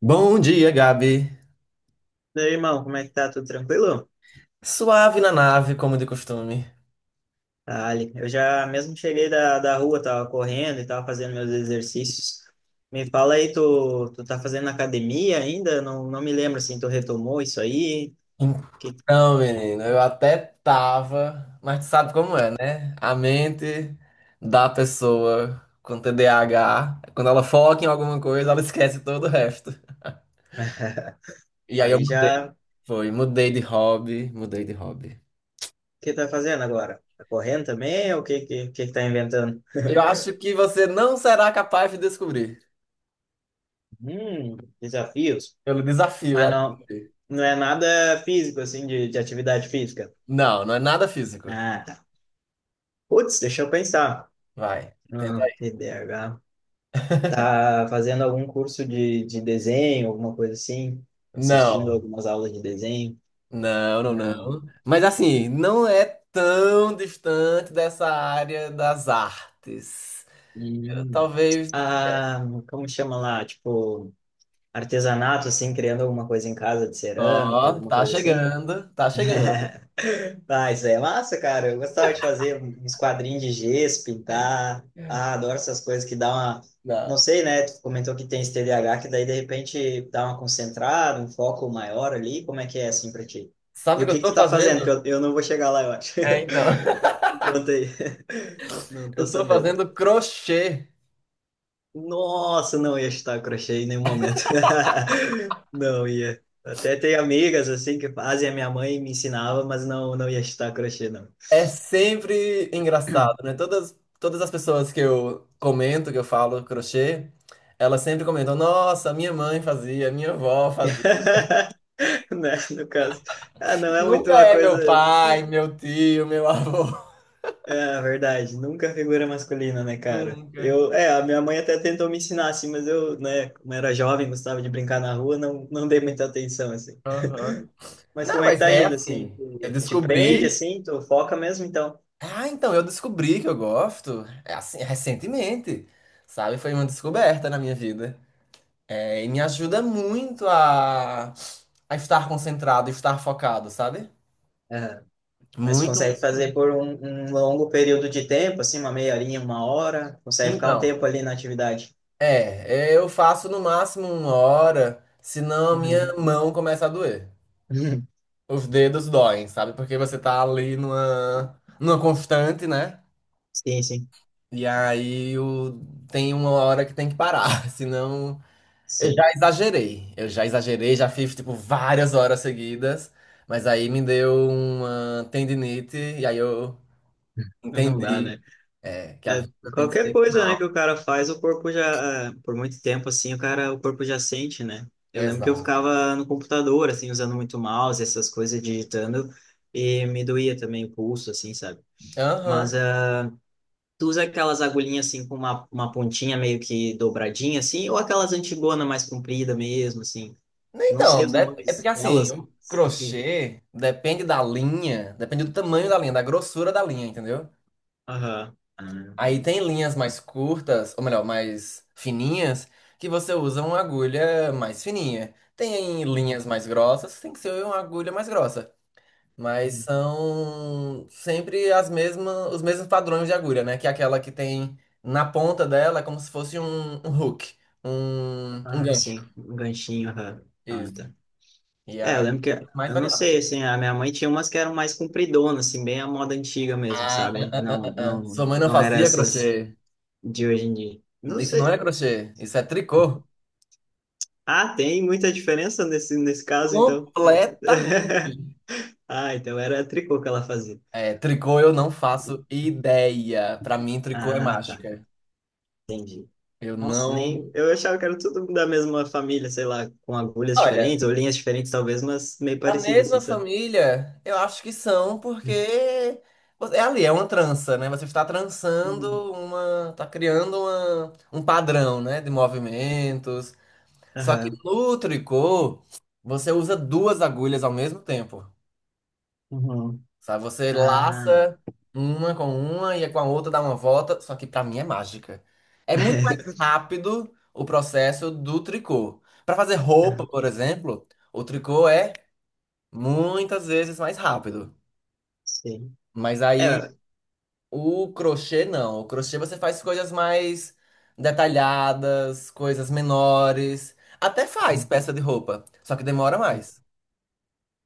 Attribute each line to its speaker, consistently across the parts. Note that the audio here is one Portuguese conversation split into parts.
Speaker 1: Bom dia, Gabi.
Speaker 2: Meu irmão, como é que tá? Tudo tranquilo?
Speaker 1: Suave na nave, como de costume.
Speaker 2: Ah, Ali, eu já mesmo cheguei da rua, tava correndo e tava fazendo meus exercícios. Me fala aí, tu tá fazendo academia ainda? Não me lembro assim, tu retomou isso aí? Que,
Speaker 1: Então, menino, eu até tava, mas tu sabe como é, né? A mente da pessoa com TDAH, quando ela foca em alguma coisa, ela esquece todo o resto. E aí eu
Speaker 2: aí
Speaker 1: mudei,
Speaker 2: já, o
Speaker 1: foi, mudei de hobby, mudei de hobby.
Speaker 2: que tá fazendo agora? Tá correndo também ou o que tá inventando?
Speaker 1: Eu acho que você não será capaz de descobrir.
Speaker 2: Desafios.
Speaker 1: Pelo desafio
Speaker 2: Mas
Speaker 1: a
Speaker 2: não,
Speaker 1: descobrir.
Speaker 2: não é nada físico, assim, de atividade física.
Speaker 1: Não, não é nada físico.
Speaker 2: Ah, tá. Putz, deixa eu pensar.
Speaker 1: Vai, tenta aí.
Speaker 2: TDAH. Tá fazendo algum curso de desenho, alguma coisa assim? Assistindo
Speaker 1: Não.
Speaker 2: algumas aulas de desenho?
Speaker 1: Não, não,
Speaker 2: Ah,
Speaker 1: não. Mas assim, não é tão distante dessa área das artes. Eu,
Speaker 2: hum.
Speaker 1: talvez.
Speaker 2: Ah, como chama lá? Tipo, artesanato, assim, criando alguma coisa em casa de cerâmica,
Speaker 1: Ó,
Speaker 2: alguma
Speaker 1: tá
Speaker 2: coisa assim?
Speaker 1: chegando, tá chegando.
Speaker 2: Ah, isso aí é massa, cara. Eu gostava de fazer uns quadrinhos de gesso, pintar. Ah, adoro essas coisas que dá uma. Não
Speaker 1: Não.
Speaker 2: sei, né? Tu comentou que tem esse TDAH, que daí de repente dá uma concentrada, um foco maior ali. Como é que é assim pra ti?
Speaker 1: Sabe
Speaker 2: E
Speaker 1: o
Speaker 2: o
Speaker 1: que eu
Speaker 2: que que
Speaker 1: tô
Speaker 2: tu tá fazendo? Que
Speaker 1: fazendo?
Speaker 2: eu não vou chegar lá, eu acho.
Speaker 1: É, então.
Speaker 2: Me conta aí. Não tô
Speaker 1: Eu tô
Speaker 2: sabendo.
Speaker 1: fazendo crochê.
Speaker 2: Nossa, não ia chutar crochê em nenhum momento. Não ia. Até tem amigas assim que fazem, a minha mãe me ensinava, mas não ia chutar crochê, não.
Speaker 1: É sempre engraçado, né? Todas as pessoas que eu comento, que eu falo crochê, elas sempre comentam: Nossa, minha mãe fazia, minha avó fazia.
Speaker 2: Né? No caso. Ah, não é muito
Speaker 1: Nunca
Speaker 2: uma
Speaker 1: é meu
Speaker 2: coisa.
Speaker 1: pai, meu tio, meu avô.
Speaker 2: É, verdade. Nunca figura masculina, né, cara?
Speaker 1: Nunca.
Speaker 2: Eu, é, a minha mãe até tentou me ensinar, assim, mas eu, né, como era jovem, gostava de brincar na rua, não dei muita atenção, assim.
Speaker 1: Aham.
Speaker 2: Mas
Speaker 1: Não,
Speaker 2: como é que
Speaker 1: mas
Speaker 2: tá
Speaker 1: é
Speaker 2: indo, assim?
Speaker 1: assim. Eu
Speaker 2: Te prende,
Speaker 1: descobri.
Speaker 2: assim? Tu foca mesmo, então?
Speaker 1: Ah, então, eu descobri que eu gosto. É assim, recentemente. Sabe? Foi uma descoberta na minha vida. É, e me ajuda muito a estar concentrado, estar focado, sabe?
Speaker 2: É. Mas tu
Speaker 1: Muito,
Speaker 2: consegue
Speaker 1: muito,
Speaker 2: fazer
Speaker 1: muito.
Speaker 2: por um longo período de tempo, assim, uma meia horinha, uma hora? Consegue ficar um
Speaker 1: Então,
Speaker 2: tempo ali na atividade?
Speaker 1: é, eu faço no máximo uma hora, senão a minha
Speaker 2: Uhum.
Speaker 1: mão começa a doer. Os dedos doem, sabe? Porque você tá ali numa constante, né?
Speaker 2: Sim, sim.
Speaker 1: E aí tem uma hora que tem que parar, senão eu
Speaker 2: Sim.
Speaker 1: já exagerei. Eu já exagerei, já fiz tipo várias horas seguidas, mas aí me deu uma tendinite e aí eu
Speaker 2: Não dá,
Speaker 1: entendi
Speaker 2: né?
Speaker 1: é, que a
Speaker 2: É,
Speaker 1: vida tem que
Speaker 2: qualquer
Speaker 1: ser
Speaker 2: coisa, né,
Speaker 1: final.
Speaker 2: que o cara faz, o corpo já, é, por muito tempo, assim, o cara, o corpo já sente, né? Eu lembro que eu
Speaker 1: Exato.
Speaker 2: ficava no computador, assim, usando muito mouse, essas coisas, digitando, e me doía também o pulso, assim, sabe? Mas
Speaker 1: Aham.
Speaker 2: ah, tu usa aquelas agulhinhas, assim, com uma pontinha meio que dobradinha, assim, ou aquelas antigona mais comprida mesmo, assim? Não sei
Speaker 1: Então,
Speaker 2: os
Speaker 1: é porque
Speaker 2: nomes
Speaker 1: assim,
Speaker 2: delas,
Speaker 1: o
Speaker 2: enfim.
Speaker 1: crochê depende da linha, depende do tamanho da linha, da grossura da linha, entendeu?
Speaker 2: Aham.
Speaker 1: Aí tem linhas mais curtas, ou melhor, mais fininhas, que você usa uma agulha mais fininha. Tem linhas mais grossas, tem que ser uma agulha mais grossa. Mas são sempre as mesmas, os mesmos padrões de agulha, né? Que é aquela que tem na ponta dela, é como se fosse um, um hook, um
Speaker 2: Ah, ah,
Speaker 1: gancho.
Speaker 2: sim, um ganchinho, aham. Ah,
Speaker 1: Isso.
Speaker 2: tá.
Speaker 1: E
Speaker 2: É, eu
Speaker 1: aí,
Speaker 2: lembro que,
Speaker 1: mais
Speaker 2: eu não
Speaker 1: variado.
Speaker 2: sei, assim, a minha mãe tinha umas que eram mais compridonas, assim, bem a moda antiga mesmo,
Speaker 1: Ah, ah,
Speaker 2: sabe?
Speaker 1: ah, ah,
Speaker 2: Não,
Speaker 1: ah, ah. Sua
Speaker 2: não,
Speaker 1: mãe não
Speaker 2: não era
Speaker 1: fazia
Speaker 2: essas
Speaker 1: crochê.
Speaker 2: de hoje em dia. Não
Speaker 1: Isso não é
Speaker 2: sei.
Speaker 1: crochê, isso é tricô.
Speaker 2: Ah, tem muita diferença nesse caso, então.
Speaker 1: Completamente.
Speaker 2: Ah, então era tricô que ela fazia.
Speaker 1: É, tricô eu não faço ideia. Pra mim, tricô é
Speaker 2: Ah, tá,
Speaker 1: mágica.
Speaker 2: entendi.
Speaker 1: Eu
Speaker 2: Nossa,
Speaker 1: não.
Speaker 2: nem, eu achava que era tudo da mesma família, sei lá, com agulhas
Speaker 1: Olha,
Speaker 2: diferentes ou linhas diferentes, talvez, mas meio
Speaker 1: da
Speaker 2: parecido,
Speaker 1: mesma
Speaker 2: assim, sabe?
Speaker 1: família, eu acho que são, porque você- é ali, é uma trança, né? Você está
Speaker 2: Uhum.
Speaker 1: trançando uma. Está criando uma, um padrão, né? De movimentos. Só que
Speaker 2: Aham.
Speaker 1: no tricô, você usa duas agulhas ao mesmo tempo.
Speaker 2: Uhum.
Speaker 1: Sabe? Você
Speaker 2: Ah,
Speaker 1: laça uma com uma e com a outra dá uma volta, só que pra mim é mágica. É muito mais rápido o processo do tricô. Pra fazer roupa, por exemplo, o tricô é muitas vezes mais rápido.
Speaker 2: Sim.
Speaker 1: Mas aí
Speaker 2: É,
Speaker 1: o crochê não. O crochê você faz coisas mais detalhadas, coisas menores. Até faz peça de roupa, só que demora mais.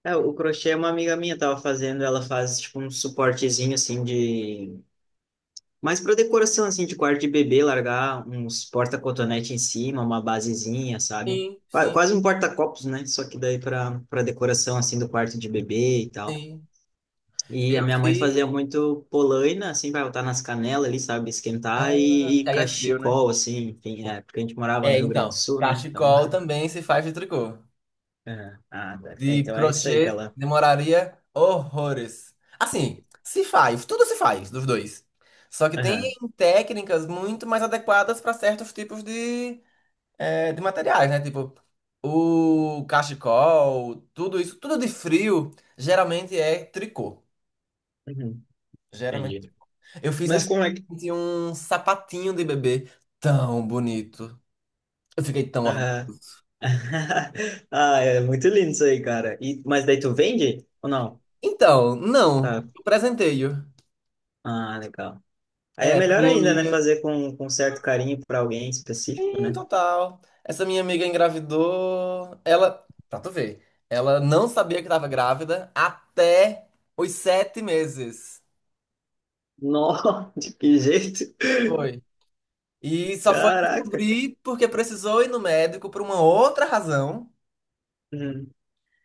Speaker 2: é, o crochê é uma amiga minha tava fazendo, ela faz tipo um suportezinho assim de mais para decoração assim de quarto de bebê, largar uns porta-cotonete em cima, uma basezinha, sabe?
Speaker 1: Sim,
Speaker 2: Qua-
Speaker 1: sim,
Speaker 2: Quase um porta-copos, né? Só que daí para decoração assim do quarto de bebê e tal.
Speaker 1: sim.
Speaker 2: E
Speaker 1: Eu
Speaker 2: a minha mãe
Speaker 1: fiz.
Speaker 2: fazia muito polaina, assim, para botar nas canelas ali, sabe, esquentar
Speaker 1: Ah,
Speaker 2: e,
Speaker 1: porque
Speaker 2: e
Speaker 1: aí é frio, né?
Speaker 2: cachecol assim, enfim, é, porque a gente morava no
Speaker 1: É,
Speaker 2: Rio Grande do
Speaker 1: então,
Speaker 2: Sul, né? Então,
Speaker 1: cachecol também se faz de tricô.
Speaker 2: é, ah, tá. É,
Speaker 1: De
Speaker 2: então é isso aí que
Speaker 1: crochê
Speaker 2: ela.
Speaker 1: demoraria horrores. Assim, se faz, tudo se faz dos dois. Só que tem
Speaker 2: Aham.
Speaker 1: técnicas muito mais adequadas para certos tipos de, é, de materiais, né? Tipo, o cachecol, tudo isso, tudo de frio, geralmente é tricô.
Speaker 2: Uhum.
Speaker 1: Geralmente.
Speaker 2: Entendi.
Speaker 1: Eu fiz
Speaker 2: Mas como é.
Speaker 1: recentemente um sapatinho de bebê tão bonito. Eu fiquei tão
Speaker 2: Aham.
Speaker 1: orgulhoso.
Speaker 2: Ah, é muito lindo isso aí, cara. E, mas daí tu vende ou não?
Speaker 1: Então, não,
Speaker 2: Tá.
Speaker 1: o presenteio.
Speaker 2: Ah, legal. Aí é
Speaker 1: É, essa
Speaker 2: melhor
Speaker 1: minha
Speaker 2: ainda, né?
Speaker 1: amiga.
Speaker 2: Fazer com certo carinho para alguém específico,
Speaker 1: Sim,
Speaker 2: né?
Speaker 1: total. Essa minha amiga engravidou. Ela, pra tu ver, ela não sabia que tava grávida até os 7 meses.
Speaker 2: Nossa, de que jeito?
Speaker 1: Foi. E só foi
Speaker 2: Caraca.
Speaker 1: descobrir porque precisou ir no médico por uma outra razão.
Speaker 2: Uhum.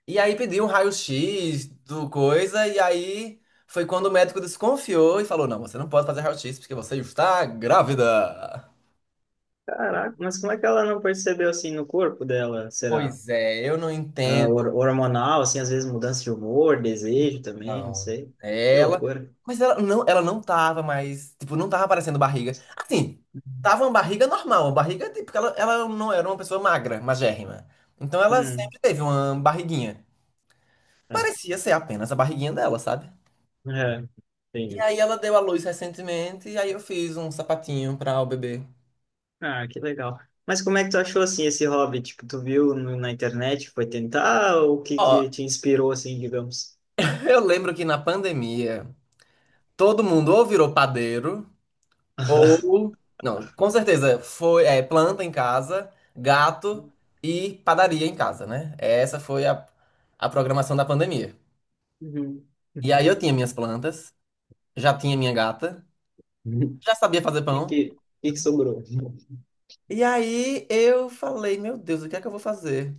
Speaker 1: E aí pediu um raio-x do coisa. E aí foi quando o médico desconfiou e falou: Não, você não pode fazer raio-x porque você está grávida.
Speaker 2: Caraca, mas como é que ela não percebeu assim no corpo dela? Será?
Speaker 1: Pois é, eu não
Speaker 2: Ah,
Speaker 1: entendo.
Speaker 2: hormonal, assim, às vezes mudança de humor, desejo também, não
Speaker 1: Não.
Speaker 2: sei. Que
Speaker 1: Ela.
Speaker 2: loucura.
Speaker 1: Mas ela não tava mais. Tipo, não tava aparecendo barriga. Assim, tava uma barriga normal. Uma barriga, tipo, que ela não era uma pessoa magra, magérrima. Então ela
Speaker 2: Hum.
Speaker 1: sempre teve uma barriguinha.
Speaker 2: É.
Speaker 1: Parecia ser apenas a barriguinha dela, sabe?
Speaker 2: É.
Speaker 1: E
Speaker 2: Entendi.
Speaker 1: aí ela deu à luz recentemente. E aí eu fiz um sapatinho pra o bebê.
Speaker 2: Ah, que legal. Mas como é que tu achou assim esse hobby? Tipo, tu viu na internet, foi tentar, ou o que
Speaker 1: Ó,
Speaker 2: que te inspirou assim, digamos?
Speaker 1: eu lembro que na pandemia todo mundo ou virou padeiro. Ou, não, com certeza, foi, é, planta em casa, gato e padaria em casa, né? Essa foi a programação da pandemia.
Speaker 2: Uhum.
Speaker 1: E aí eu tinha minhas plantas, já tinha minha gata,
Speaker 2: Uhum.
Speaker 1: já sabia fazer
Speaker 2: E
Speaker 1: pão.
Speaker 2: que, e que sobrou?
Speaker 1: E aí eu falei, meu Deus, o que é que eu vou fazer?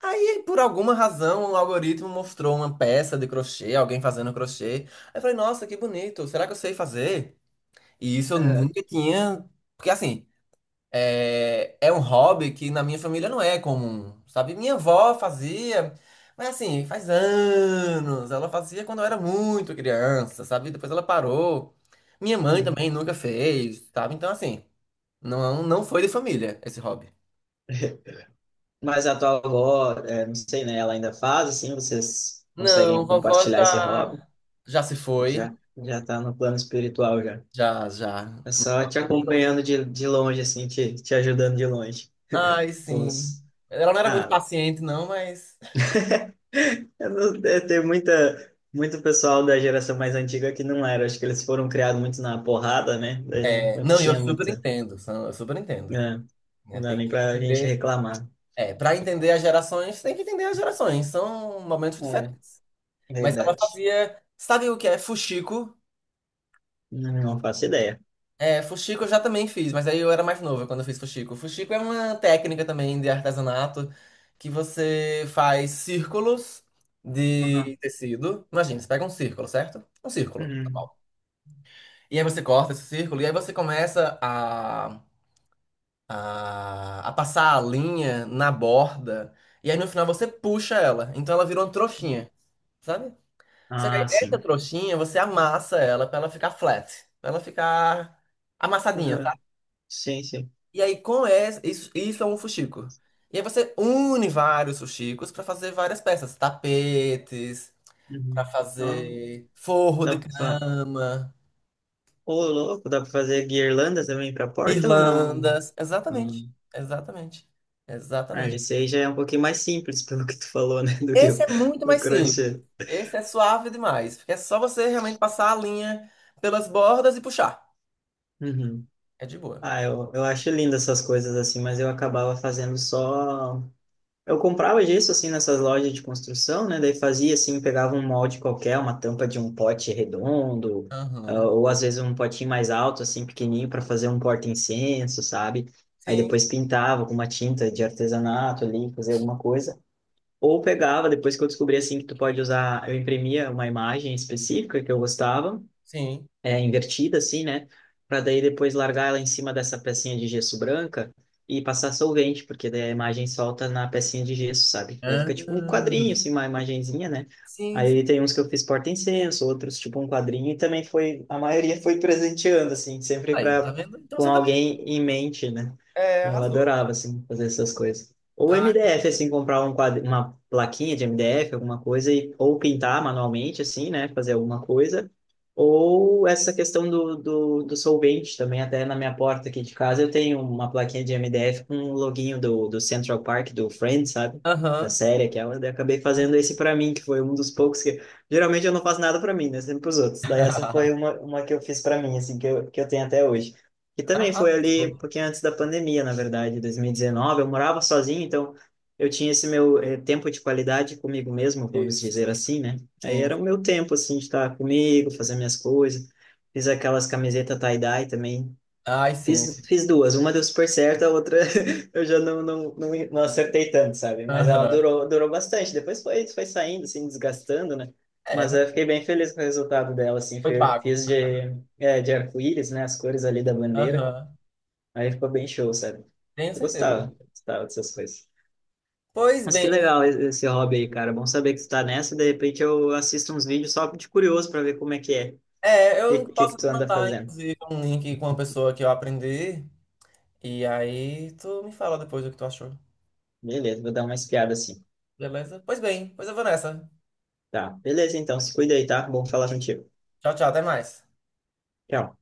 Speaker 1: Aí, por alguma razão, o algoritmo mostrou uma peça de crochê, alguém fazendo crochê. Aí eu falei, nossa, que bonito, será que eu sei fazer? E isso eu
Speaker 2: Aham.
Speaker 1: nunca tinha. Porque assim. É, é um hobby que na minha família não é comum, sabe? Minha avó fazia, mas assim, faz anos. Ela fazia quando eu era muito criança, sabe? Depois ela parou. Minha mãe
Speaker 2: Uhum.
Speaker 1: também nunca fez, sabe? Então, assim, não, não foi de família esse hobby.
Speaker 2: Mas a tua avó, é, não sei, né? Ela ainda faz assim, vocês
Speaker 1: Não,
Speaker 2: conseguem
Speaker 1: vovó
Speaker 2: compartilhar esse hobby?
Speaker 1: já, já se foi.
Speaker 2: Já já tá no plano espiritual já.
Speaker 1: Já, já.
Speaker 2: É só te
Speaker 1: Também.
Speaker 2: acompanhando de longe assim, te ajudando de longe.
Speaker 1: Ai, sim.
Speaker 2: Os...
Speaker 1: Ela não era muito
Speaker 2: Ah,
Speaker 1: paciente, não, mas.
Speaker 2: Eu não- é, tem muita, muito pessoal da geração mais antiga que não era. Acho que eles foram criados muito na porrada, né? Daí não,
Speaker 1: É,
Speaker 2: não
Speaker 1: não, e eu
Speaker 2: tinha
Speaker 1: super
Speaker 2: muita.
Speaker 1: entendo, eu super entendo,
Speaker 2: Né?
Speaker 1: né?
Speaker 2: Não dá
Speaker 1: Tem
Speaker 2: nem
Speaker 1: que
Speaker 2: pra gente
Speaker 1: entender.
Speaker 2: reclamar.
Speaker 1: É, para entender as gerações, tem que entender as gerações, são momentos
Speaker 2: É,
Speaker 1: diferentes. Mas ela
Speaker 2: verdade.
Speaker 1: fazia, sabe o que é fuxico?
Speaker 2: Não faço ideia.
Speaker 1: É, fuxico eu já também fiz, mas aí eu era mais nova quando eu fiz fuxico. Fuxico é uma técnica também de artesanato que você faz círculos
Speaker 2: Uhum.
Speaker 1: de tecido. Imagina, você pega um círculo, certo? Um círculo.
Speaker 2: Uhum.
Speaker 1: E aí você corta esse círculo e aí você começa a passar a linha na borda e aí no final você puxa ela. Então ela virou uma trouxinha. Sabe? Você que aí
Speaker 2: Ah,
Speaker 1: essa
Speaker 2: sim.
Speaker 1: trouxinha, você amassa ela pra ela ficar flat, pra ela ficar amassadinha,
Speaker 2: Uhum.
Speaker 1: tá?
Speaker 2: Sim, sim.
Speaker 1: E aí com essa, isso é um fuxico. E aí você une vários fuxicos pra fazer várias peças, tapetes, pra
Speaker 2: Uhum. Então,
Speaker 1: fazer forro de
Speaker 2: dá pra... fa-
Speaker 1: cama,
Speaker 2: Ô, louco, dá pra fazer guirlanda também pra porta ou não?
Speaker 1: guirlandas,
Speaker 2: Hum.
Speaker 1: exatamente, exatamente,
Speaker 2: Ah,
Speaker 1: exatamente.
Speaker 2: esse aí já é um pouquinho mais simples, pelo que tu falou, né? Do que
Speaker 1: Esse
Speaker 2: o,
Speaker 1: é muito
Speaker 2: o
Speaker 1: mais simples.
Speaker 2: crochê.
Speaker 1: Esse é suave demais, porque é só você realmente passar a linha pelas bordas e puxar.
Speaker 2: Uhum.
Speaker 1: É de boa.
Speaker 2: Ah, eu acho lindo essas coisas assim, mas eu acabava fazendo só. Eu comprava gesso assim nessas lojas de construção, né? Daí fazia assim, pegava um molde qualquer, uma tampa de um pote redondo, ah,
Speaker 1: Aham.
Speaker 2: ou às vezes um potinho mais alto, assim, pequenininho, para fazer um porta-incenso, sabe? Aí
Speaker 1: Sim,
Speaker 2: depois pintava com uma tinta de artesanato ali, fazer alguma coisa. Ou pegava, depois que eu descobri assim que tu pode usar, eu imprimia uma imagem específica que eu gostava
Speaker 1: sim.
Speaker 2: é, invertida assim, né? Para daí depois largar ela em cima dessa pecinha de gesso branca e passar solvente, porque daí a imagem solta na pecinha de gesso, sabe? Daí fica tipo um
Speaker 1: Ah,
Speaker 2: quadrinho, assim, uma imagenzinha, né?
Speaker 1: sim, sim.
Speaker 2: Aí tem uns que eu fiz porta-incenso, outros tipo um quadrinho, e também foi, a maioria foi presenteando, assim, sempre
Speaker 1: Aí, tá
Speaker 2: pra,
Speaker 1: vendo? Então
Speaker 2: com
Speaker 1: você também.
Speaker 2: alguém em mente, né?
Speaker 1: É,
Speaker 2: Eu
Speaker 1: arrasou.
Speaker 2: adorava, assim, fazer essas coisas. Ou
Speaker 1: Ah,
Speaker 2: MDF, assim, comprar um quadro, uma plaquinha de MDF, alguma coisa, e, ou pintar manualmente, assim, né? Fazer alguma coisa ou essa questão do solvente também, até na minha porta aqui de casa, eu tenho uma plaquinha de MDF com o loginho do Central Park, do Friends, sabe? Da
Speaker 1: aham.
Speaker 2: série aquela, daí eu acabei fazendo esse pra mim, que foi um dos poucos que... Geralmente eu não faço nada pra mim, né? Sempre pros outros. Daí essa foi uma que eu fiz pra mim, assim, que eu tenho até hoje. E também foi ali,
Speaker 1: Arrasou.
Speaker 2: um pouquinho antes da pandemia, na verdade, 2019, eu morava sozinho, então eu tinha esse meu tempo de qualidade comigo mesmo, vamos
Speaker 1: Isso.
Speaker 2: dizer assim, né? Aí
Speaker 1: Sim.
Speaker 2: era o meu tempo, assim, de estar comigo, fazer minhas coisas. Fiz aquelas camisetas tie-dye também.
Speaker 1: Ai, sim,
Speaker 2: Fiz,
Speaker 1: sim.
Speaker 2: fiz duas. Uma deu super certo, a outra eu já não acertei tanto, sabe? Mas ela
Speaker 1: Aham.
Speaker 2: durou, durou bastante. Depois foi, foi saindo, assim, desgastando, né?
Speaker 1: É,
Speaker 2: Mas
Speaker 1: mas
Speaker 2: eu fiquei bem feliz com o resultado dela, assim.
Speaker 1: foi pago.
Speaker 2: Fiz de, é, de arco-íris, né? As cores ali da bandeira.
Speaker 1: Aham.
Speaker 2: Aí ficou bem show, sabe?
Speaker 1: Tenho
Speaker 2: Eu
Speaker 1: certeza.
Speaker 2: gostava, gostava dessas coisas.
Speaker 1: Pois
Speaker 2: Mas que
Speaker 1: bem,
Speaker 2: legal esse hobby aí, cara. Bom saber que tu tá nessa. De repente eu assisto uns vídeos só de curioso para ver como é que é. O
Speaker 1: é,
Speaker 2: que,
Speaker 1: eu
Speaker 2: que que
Speaker 1: posso
Speaker 2: tu
Speaker 1: te
Speaker 2: anda
Speaker 1: mandar,
Speaker 2: fazendo.
Speaker 1: inclusive, um link com uma pessoa que eu aprendi. E aí tu me fala depois o que tu achou,
Speaker 2: Beleza, vou dar uma espiada assim.
Speaker 1: beleza? Pois bem, pois eu vou nessa.
Speaker 2: Tá, beleza então. Se cuida aí, tá? Bom falar contigo.
Speaker 1: Tchau, tchau, até mais.
Speaker 2: Tchau.